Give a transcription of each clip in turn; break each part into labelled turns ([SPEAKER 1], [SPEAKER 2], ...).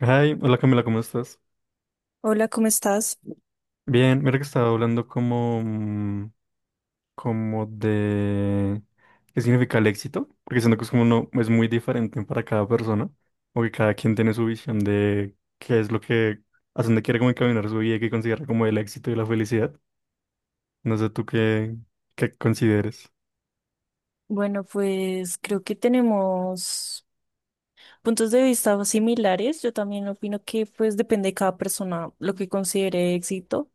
[SPEAKER 1] Ay, hola Camila, ¿cómo estás?
[SPEAKER 2] Hola, ¿cómo estás?
[SPEAKER 1] Bien, mira que estaba hablando como de qué significa el éxito, porque siento que es como no, es muy diferente para cada persona, porque cada quien tiene su visión de qué es lo que, hacia dónde quiere como encaminar su vida y qué considera como el éxito y la felicidad. No sé tú qué, qué consideres.
[SPEAKER 2] Bueno, pues creo que tenemos puntos de vista similares. Yo también opino que pues depende de cada persona lo que considere éxito.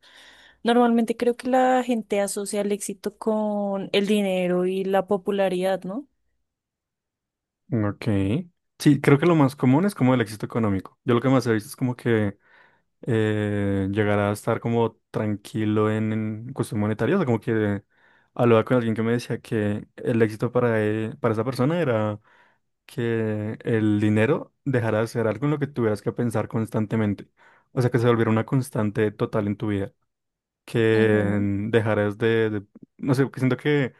[SPEAKER 2] Normalmente creo que la gente asocia el éxito con el dinero y la popularidad, ¿no?
[SPEAKER 1] Ok. Sí, creo que lo más común es como el éxito económico. Yo lo que más he visto es como que llegar a estar como tranquilo en cuestión monetaria. O sea, como que hablaba con alguien que me decía que el éxito para esa persona era que el dinero dejara de ser algo en lo que tuvieras que pensar constantemente. O sea, que se volviera una constante total en tu vida. Que
[SPEAKER 2] Ujú,
[SPEAKER 1] mm, dejaras de- No sé, que siento que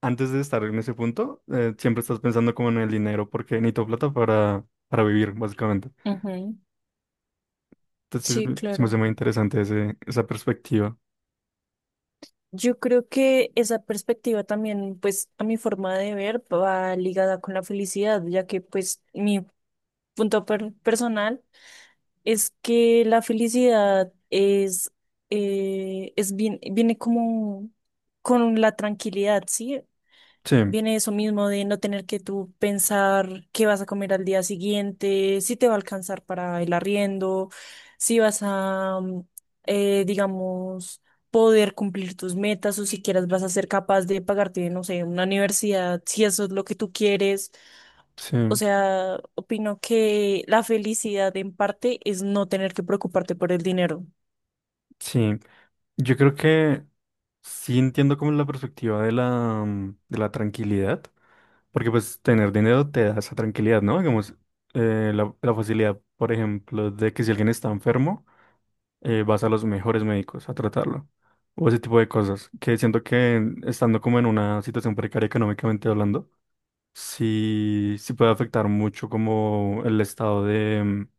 [SPEAKER 1] antes de estar en ese punto, siempre estás pensando como en el dinero, porque necesito plata para vivir, básicamente.
[SPEAKER 2] ujú.
[SPEAKER 1] Entonces,
[SPEAKER 2] Sí,
[SPEAKER 1] sí, se me hace
[SPEAKER 2] claro.
[SPEAKER 1] muy interesante esa perspectiva.
[SPEAKER 2] Yo creo que esa perspectiva también, pues, a mi forma de ver, va ligada con la felicidad, ya que, pues, mi personal. Es que la felicidad es bien, viene como con la tranquilidad, ¿sí?
[SPEAKER 1] Sí,
[SPEAKER 2] Viene eso mismo de no tener que tú pensar qué vas a comer al día siguiente, si te va a alcanzar para el arriendo, si vas a, mm, digamos, poder cumplir tus metas o si quieras vas a ser capaz de pagarte, no sé, una universidad, si eso es lo que tú quieres.
[SPEAKER 1] sí,
[SPEAKER 2] O sea, opino que la felicidad en parte es no tener que preocuparte por el dinero.
[SPEAKER 1] sí. Yo creo que sí entiendo como la perspectiva de de la tranquilidad, porque pues tener dinero te da esa tranquilidad, ¿no? Digamos, la facilidad, por ejemplo, de que si alguien está enfermo, vas a los mejores médicos a tratarlo, o ese tipo de cosas, que siento que estando como en una situación precaria económicamente hablando, sí, sí puede afectar mucho como el estado de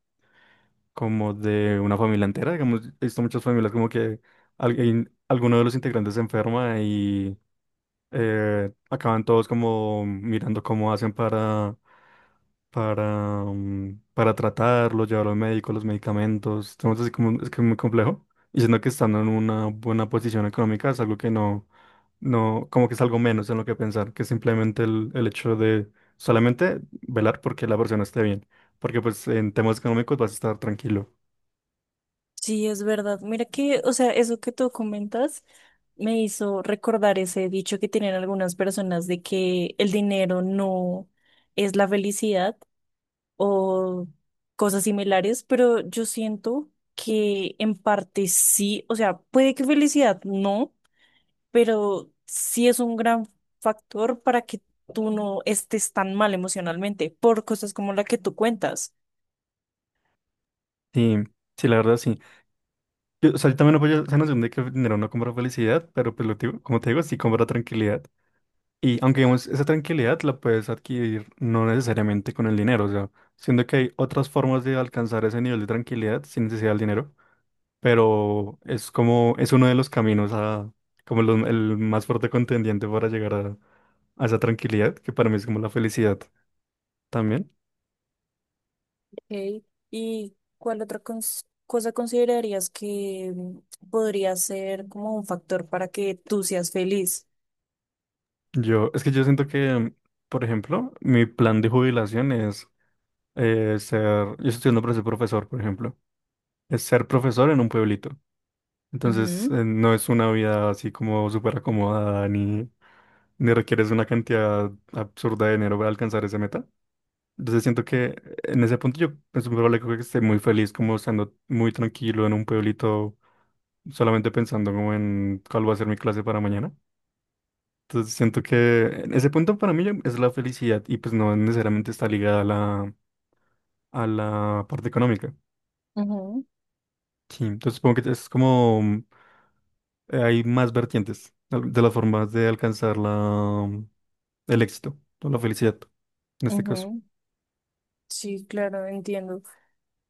[SPEAKER 1] como de una familia entera, digamos, he visto muchas familias como que alguien, alguno de los integrantes se enferma y acaban todos como mirando cómo hacen para tratarlo, llevarlo al médico, los medicamentos, estamos así como, es que es muy complejo, y siendo que estando en una buena posición económica es algo que no, no, como que es algo menos en lo que pensar, que simplemente el hecho de solamente velar porque la persona esté bien. Porque pues en temas económicos vas a estar tranquilo.
[SPEAKER 2] Sí, es verdad. Mira que, o sea, eso que tú comentas me hizo recordar ese dicho que tienen algunas personas de que el dinero no es la felicidad o cosas similares, pero yo siento que en parte sí, o sea, puede que felicidad no, pero sí es un gran factor para que tú no estés tan mal emocionalmente por cosas como la que tú cuentas.
[SPEAKER 1] Sí, sí, la verdad sí. Yo, o sea, yo también apoyo esa noción de que el dinero no compra felicidad, pero pues lo digo- como te digo, sí compra tranquilidad. Y aunque digamos, esa tranquilidad la puedes adquirir no necesariamente con el dinero, o sea, siendo que hay otras formas de alcanzar ese nivel de tranquilidad sin necesidad del dinero, pero es como, es uno de los caminos a, como los- el más fuerte contendiente para llegar a esa tranquilidad, que para mí es como la felicidad también.
[SPEAKER 2] Ok. ¿Y cuál otra cosa considerarías que podría ser como un factor para que tú seas feliz?
[SPEAKER 1] Yo, es que yo siento que, por ejemplo, mi plan de jubilación es yo estoy estudiando para ser profesor, por ejemplo, es ser profesor en un pueblito. Entonces,
[SPEAKER 2] Ujú.
[SPEAKER 1] no es una vida así como súper acomodada, ni, ni requieres una cantidad absurda de dinero para alcanzar esa meta. Entonces, siento que en ese punto yo es muy probable que esté muy feliz, como estando muy tranquilo en un pueblito, solamente pensando como en cuál va a ser mi clase para mañana. Entonces, siento que en ese punto para mí ya es la felicidad y pues no necesariamente está ligada a a la parte económica.
[SPEAKER 2] Ujú,
[SPEAKER 1] Sí, entonces supongo que es como hay más vertientes de las formas de alcanzar mm, el éxito o la felicidad en este caso.
[SPEAKER 2] ujú. Sí, claro, entiendo.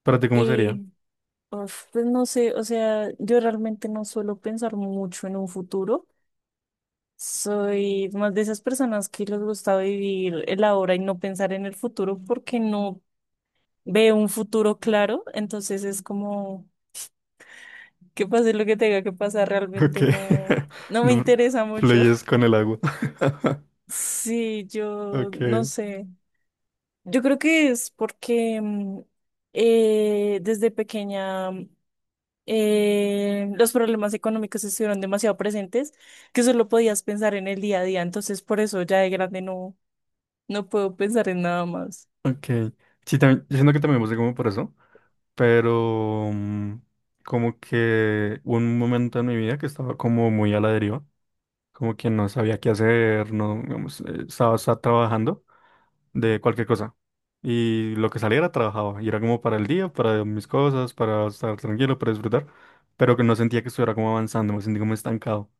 [SPEAKER 1] ¿Para ti cómo sería?
[SPEAKER 2] Y uf, pues no sé, o sea, yo realmente no suelo pensar mucho en un futuro. Soy más de esas personas que les gusta vivir el ahora y no pensar en el futuro porque no veo un futuro claro. Entonces es como que pase lo que tenga que pasar,
[SPEAKER 1] Ok.
[SPEAKER 2] realmente no me
[SPEAKER 1] No,
[SPEAKER 2] interesa mucho.
[SPEAKER 1] fluyes con el agua.
[SPEAKER 2] Sí, yo
[SPEAKER 1] Ok,
[SPEAKER 2] no sé. Yo creo que es porque desde pequeña, los problemas económicos estuvieron demasiado presentes que solo podías pensar en el día a día. Entonces, por eso ya de grande no puedo pensar en nada más.
[SPEAKER 1] ok. Sí, también, yo siento que también pasé como por eso, pero como que hubo un momento en mi vida que estaba como muy a la deriva, como que no sabía qué hacer, no, digamos, estaba trabajando de cualquier cosa. Y lo que saliera trabajaba. Y era como para el día, para mis cosas, para estar tranquilo, para disfrutar. Pero que no sentía que estuviera como avanzando, me sentí como estancado.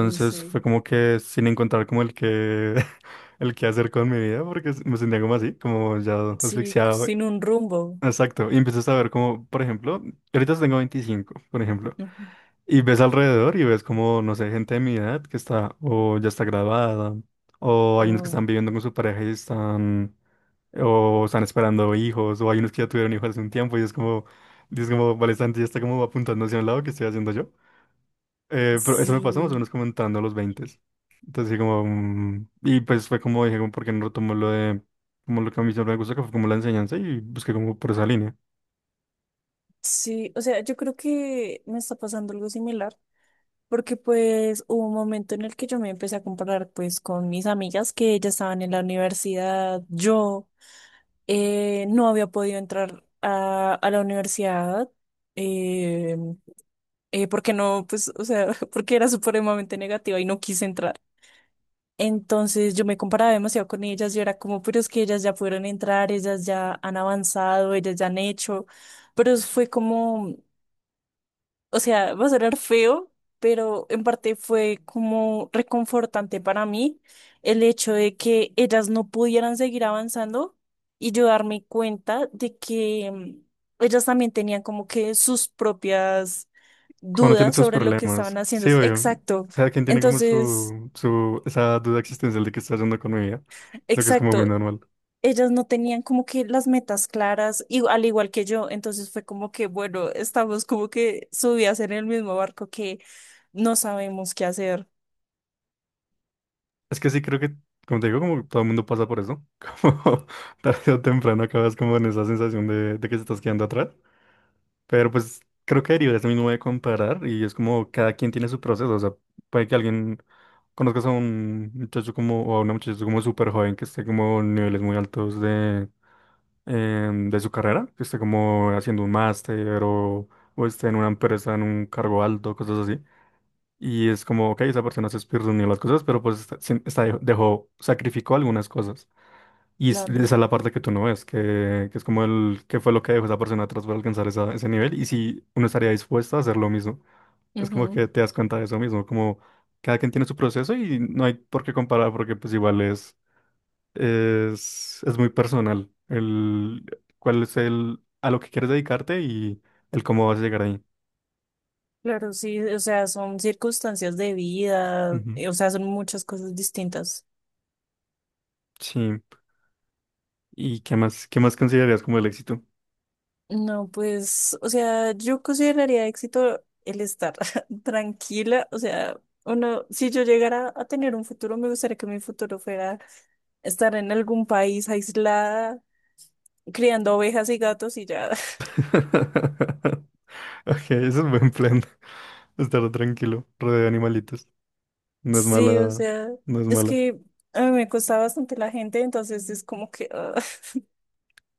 [SPEAKER 2] Uy, sí,
[SPEAKER 1] fue como que sin encontrar como el que, el que hacer con mi vida, porque me sentía como así, como ya
[SPEAKER 2] sí,
[SPEAKER 1] asfixiado.
[SPEAKER 2] sin un rumbo.
[SPEAKER 1] Exacto. Y empiezas a ver como, por ejemplo, ahorita tengo 25 por ejemplo.
[SPEAKER 2] Ujú.
[SPEAKER 1] Y ves alrededor y ves como, no sé, gente de mi edad que está o ya está graduada, o hay unos que
[SPEAKER 2] Oh,
[SPEAKER 1] están viviendo con su pareja y están o están esperando hijos, o hay unos que ya tuvieron hijos hace un tiempo y es como, vale, Santi ya está como apuntando hacia un lado que estoy haciendo yo. Pero eso me pasó
[SPEAKER 2] sí,
[SPEAKER 1] más o menos como entrando a los 20. Entonces, sí, como, y pues fue como dije, como, ¿por qué no retomo lo de, como lo que a mí siempre me gusta, que fue como la enseñanza y busqué como por esa línea.
[SPEAKER 2] sí, o sea, yo creo que me está pasando algo similar, porque pues hubo un momento en el que yo me empecé a comparar pues con mis amigas que ya estaban en la universidad. Yo, no había podido entrar a la universidad, eh, porque no, pues, o sea, porque era supremamente negativa y no quise entrar. Entonces yo me comparaba demasiado con ellas. Yo era como, pero es que ellas ya pudieron entrar, ellas ya han avanzado, ellas ya han hecho, fue como, o sea, va a sonar feo, pero en parte fue como reconfortante para mí el hecho de que ellas no pudieran seguir avanzando y yo darme cuenta de que ellas también tenían como que sus propias
[SPEAKER 1] Cuando uno tiene
[SPEAKER 2] dudas
[SPEAKER 1] sus
[SPEAKER 2] sobre lo que estaban
[SPEAKER 1] problemas,
[SPEAKER 2] haciendo.
[SPEAKER 1] sí, obvio,
[SPEAKER 2] Exacto.
[SPEAKER 1] cada quien tiene como
[SPEAKER 2] Entonces...
[SPEAKER 1] su, esa duda existencial de qué está haciendo con mi vida. Siento que es como muy
[SPEAKER 2] Exacto,
[SPEAKER 1] normal.
[SPEAKER 2] ellas no tenían como que las metas claras, y, al igual que yo, entonces fue como que, bueno, estamos como que subidas en el mismo barco que no sabemos qué hacer.
[SPEAKER 1] Es que sí, creo que, como te digo, como todo el mundo pasa por eso, como tarde o temprano acabas como en esa sensación de que se estás quedando atrás, pero pues creo que deriva de eso mismo de comparar y es como cada quien tiene su proceso, o sea, puede que alguien conozcas a un muchacho como, o a una muchacha como súper joven que esté como en niveles muy altos de, de su carrera, que esté como haciendo un máster o esté en una empresa en un cargo alto, cosas así. Y es como, ok, esa persona se speedrunió las cosas, pero pues dejó, sacrificó algunas cosas.
[SPEAKER 2] Claro.
[SPEAKER 1] Esa es la parte que tú no ves, que es como el, qué fue lo que dejó esa persona atrás para alcanzar ese nivel y si uno estaría dispuesto a hacer lo mismo. Es como
[SPEAKER 2] Ujú.
[SPEAKER 1] que te das cuenta de eso mismo, como cada quien tiene su proceso y no hay por qué comparar porque pues igual es muy personal el cuál es el, a lo que quieres dedicarte y el cómo vas a llegar ahí.
[SPEAKER 2] Claro, sí, o sea, son circunstancias de vida,
[SPEAKER 1] Ujú.
[SPEAKER 2] o sea, son muchas cosas distintas.
[SPEAKER 1] Sí. ¿Y qué más considerarías como el éxito?
[SPEAKER 2] No, pues, o sea, yo consideraría éxito el estar tranquila. O sea, uno, si yo llegara a tener un futuro, me gustaría que mi futuro fuera estar en algún país aislada, criando ovejas y gatos y ya.
[SPEAKER 1] Ok, ese es buen plan. Estar tranquilo, rodeado de animalitos. No es
[SPEAKER 2] Sí, o
[SPEAKER 1] mala,
[SPEAKER 2] sea,
[SPEAKER 1] no es
[SPEAKER 2] es
[SPEAKER 1] mala.
[SPEAKER 2] que a mí me cuesta bastante la gente, entonces es como que, ah,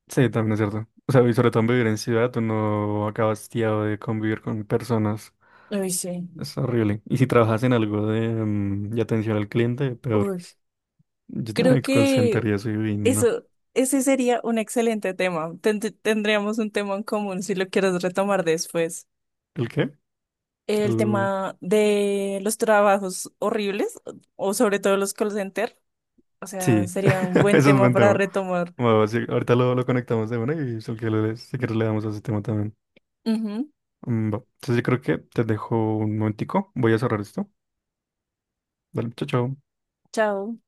[SPEAKER 1] Sí, también es cierto. O sea, y sobre todo en vivir en ciudad, tú no acabas tiado de convivir con personas.
[SPEAKER 2] uy, sí,
[SPEAKER 1] Es horrible. Y si trabajas en algo de, de atención al cliente, peor.
[SPEAKER 2] uy,
[SPEAKER 1] Yo trabajé
[SPEAKER 2] creo
[SPEAKER 1] en call center
[SPEAKER 2] que
[SPEAKER 1] y eso y no.
[SPEAKER 2] eso, ese sería un excelente tema. Tendríamos un tema en común si lo quieres retomar después.
[SPEAKER 1] ¿El qué?
[SPEAKER 2] El
[SPEAKER 1] El-
[SPEAKER 2] tema de los trabajos horribles o sobre todo los call center. O sea,
[SPEAKER 1] Sí,
[SPEAKER 2] sería un buen
[SPEAKER 1] eso es
[SPEAKER 2] tema
[SPEAKER 1] buen
[SPEAKER 2] para
[SPEAKER 1] tema.
[SPEAKER 2] retomar.
[SPEAKER 1] Bueno, sí, ahorita lo conectamos de una y si quieres le si quieres le damos a ese tema también.
[SPEAKER 2] Ujú.
[SPEAKER 1] Mm, va. Entonces yo creo que te dejo un momentico. Voy a cerrar esto. Dale, chao, chao.
[SPEAKER 2] Chao.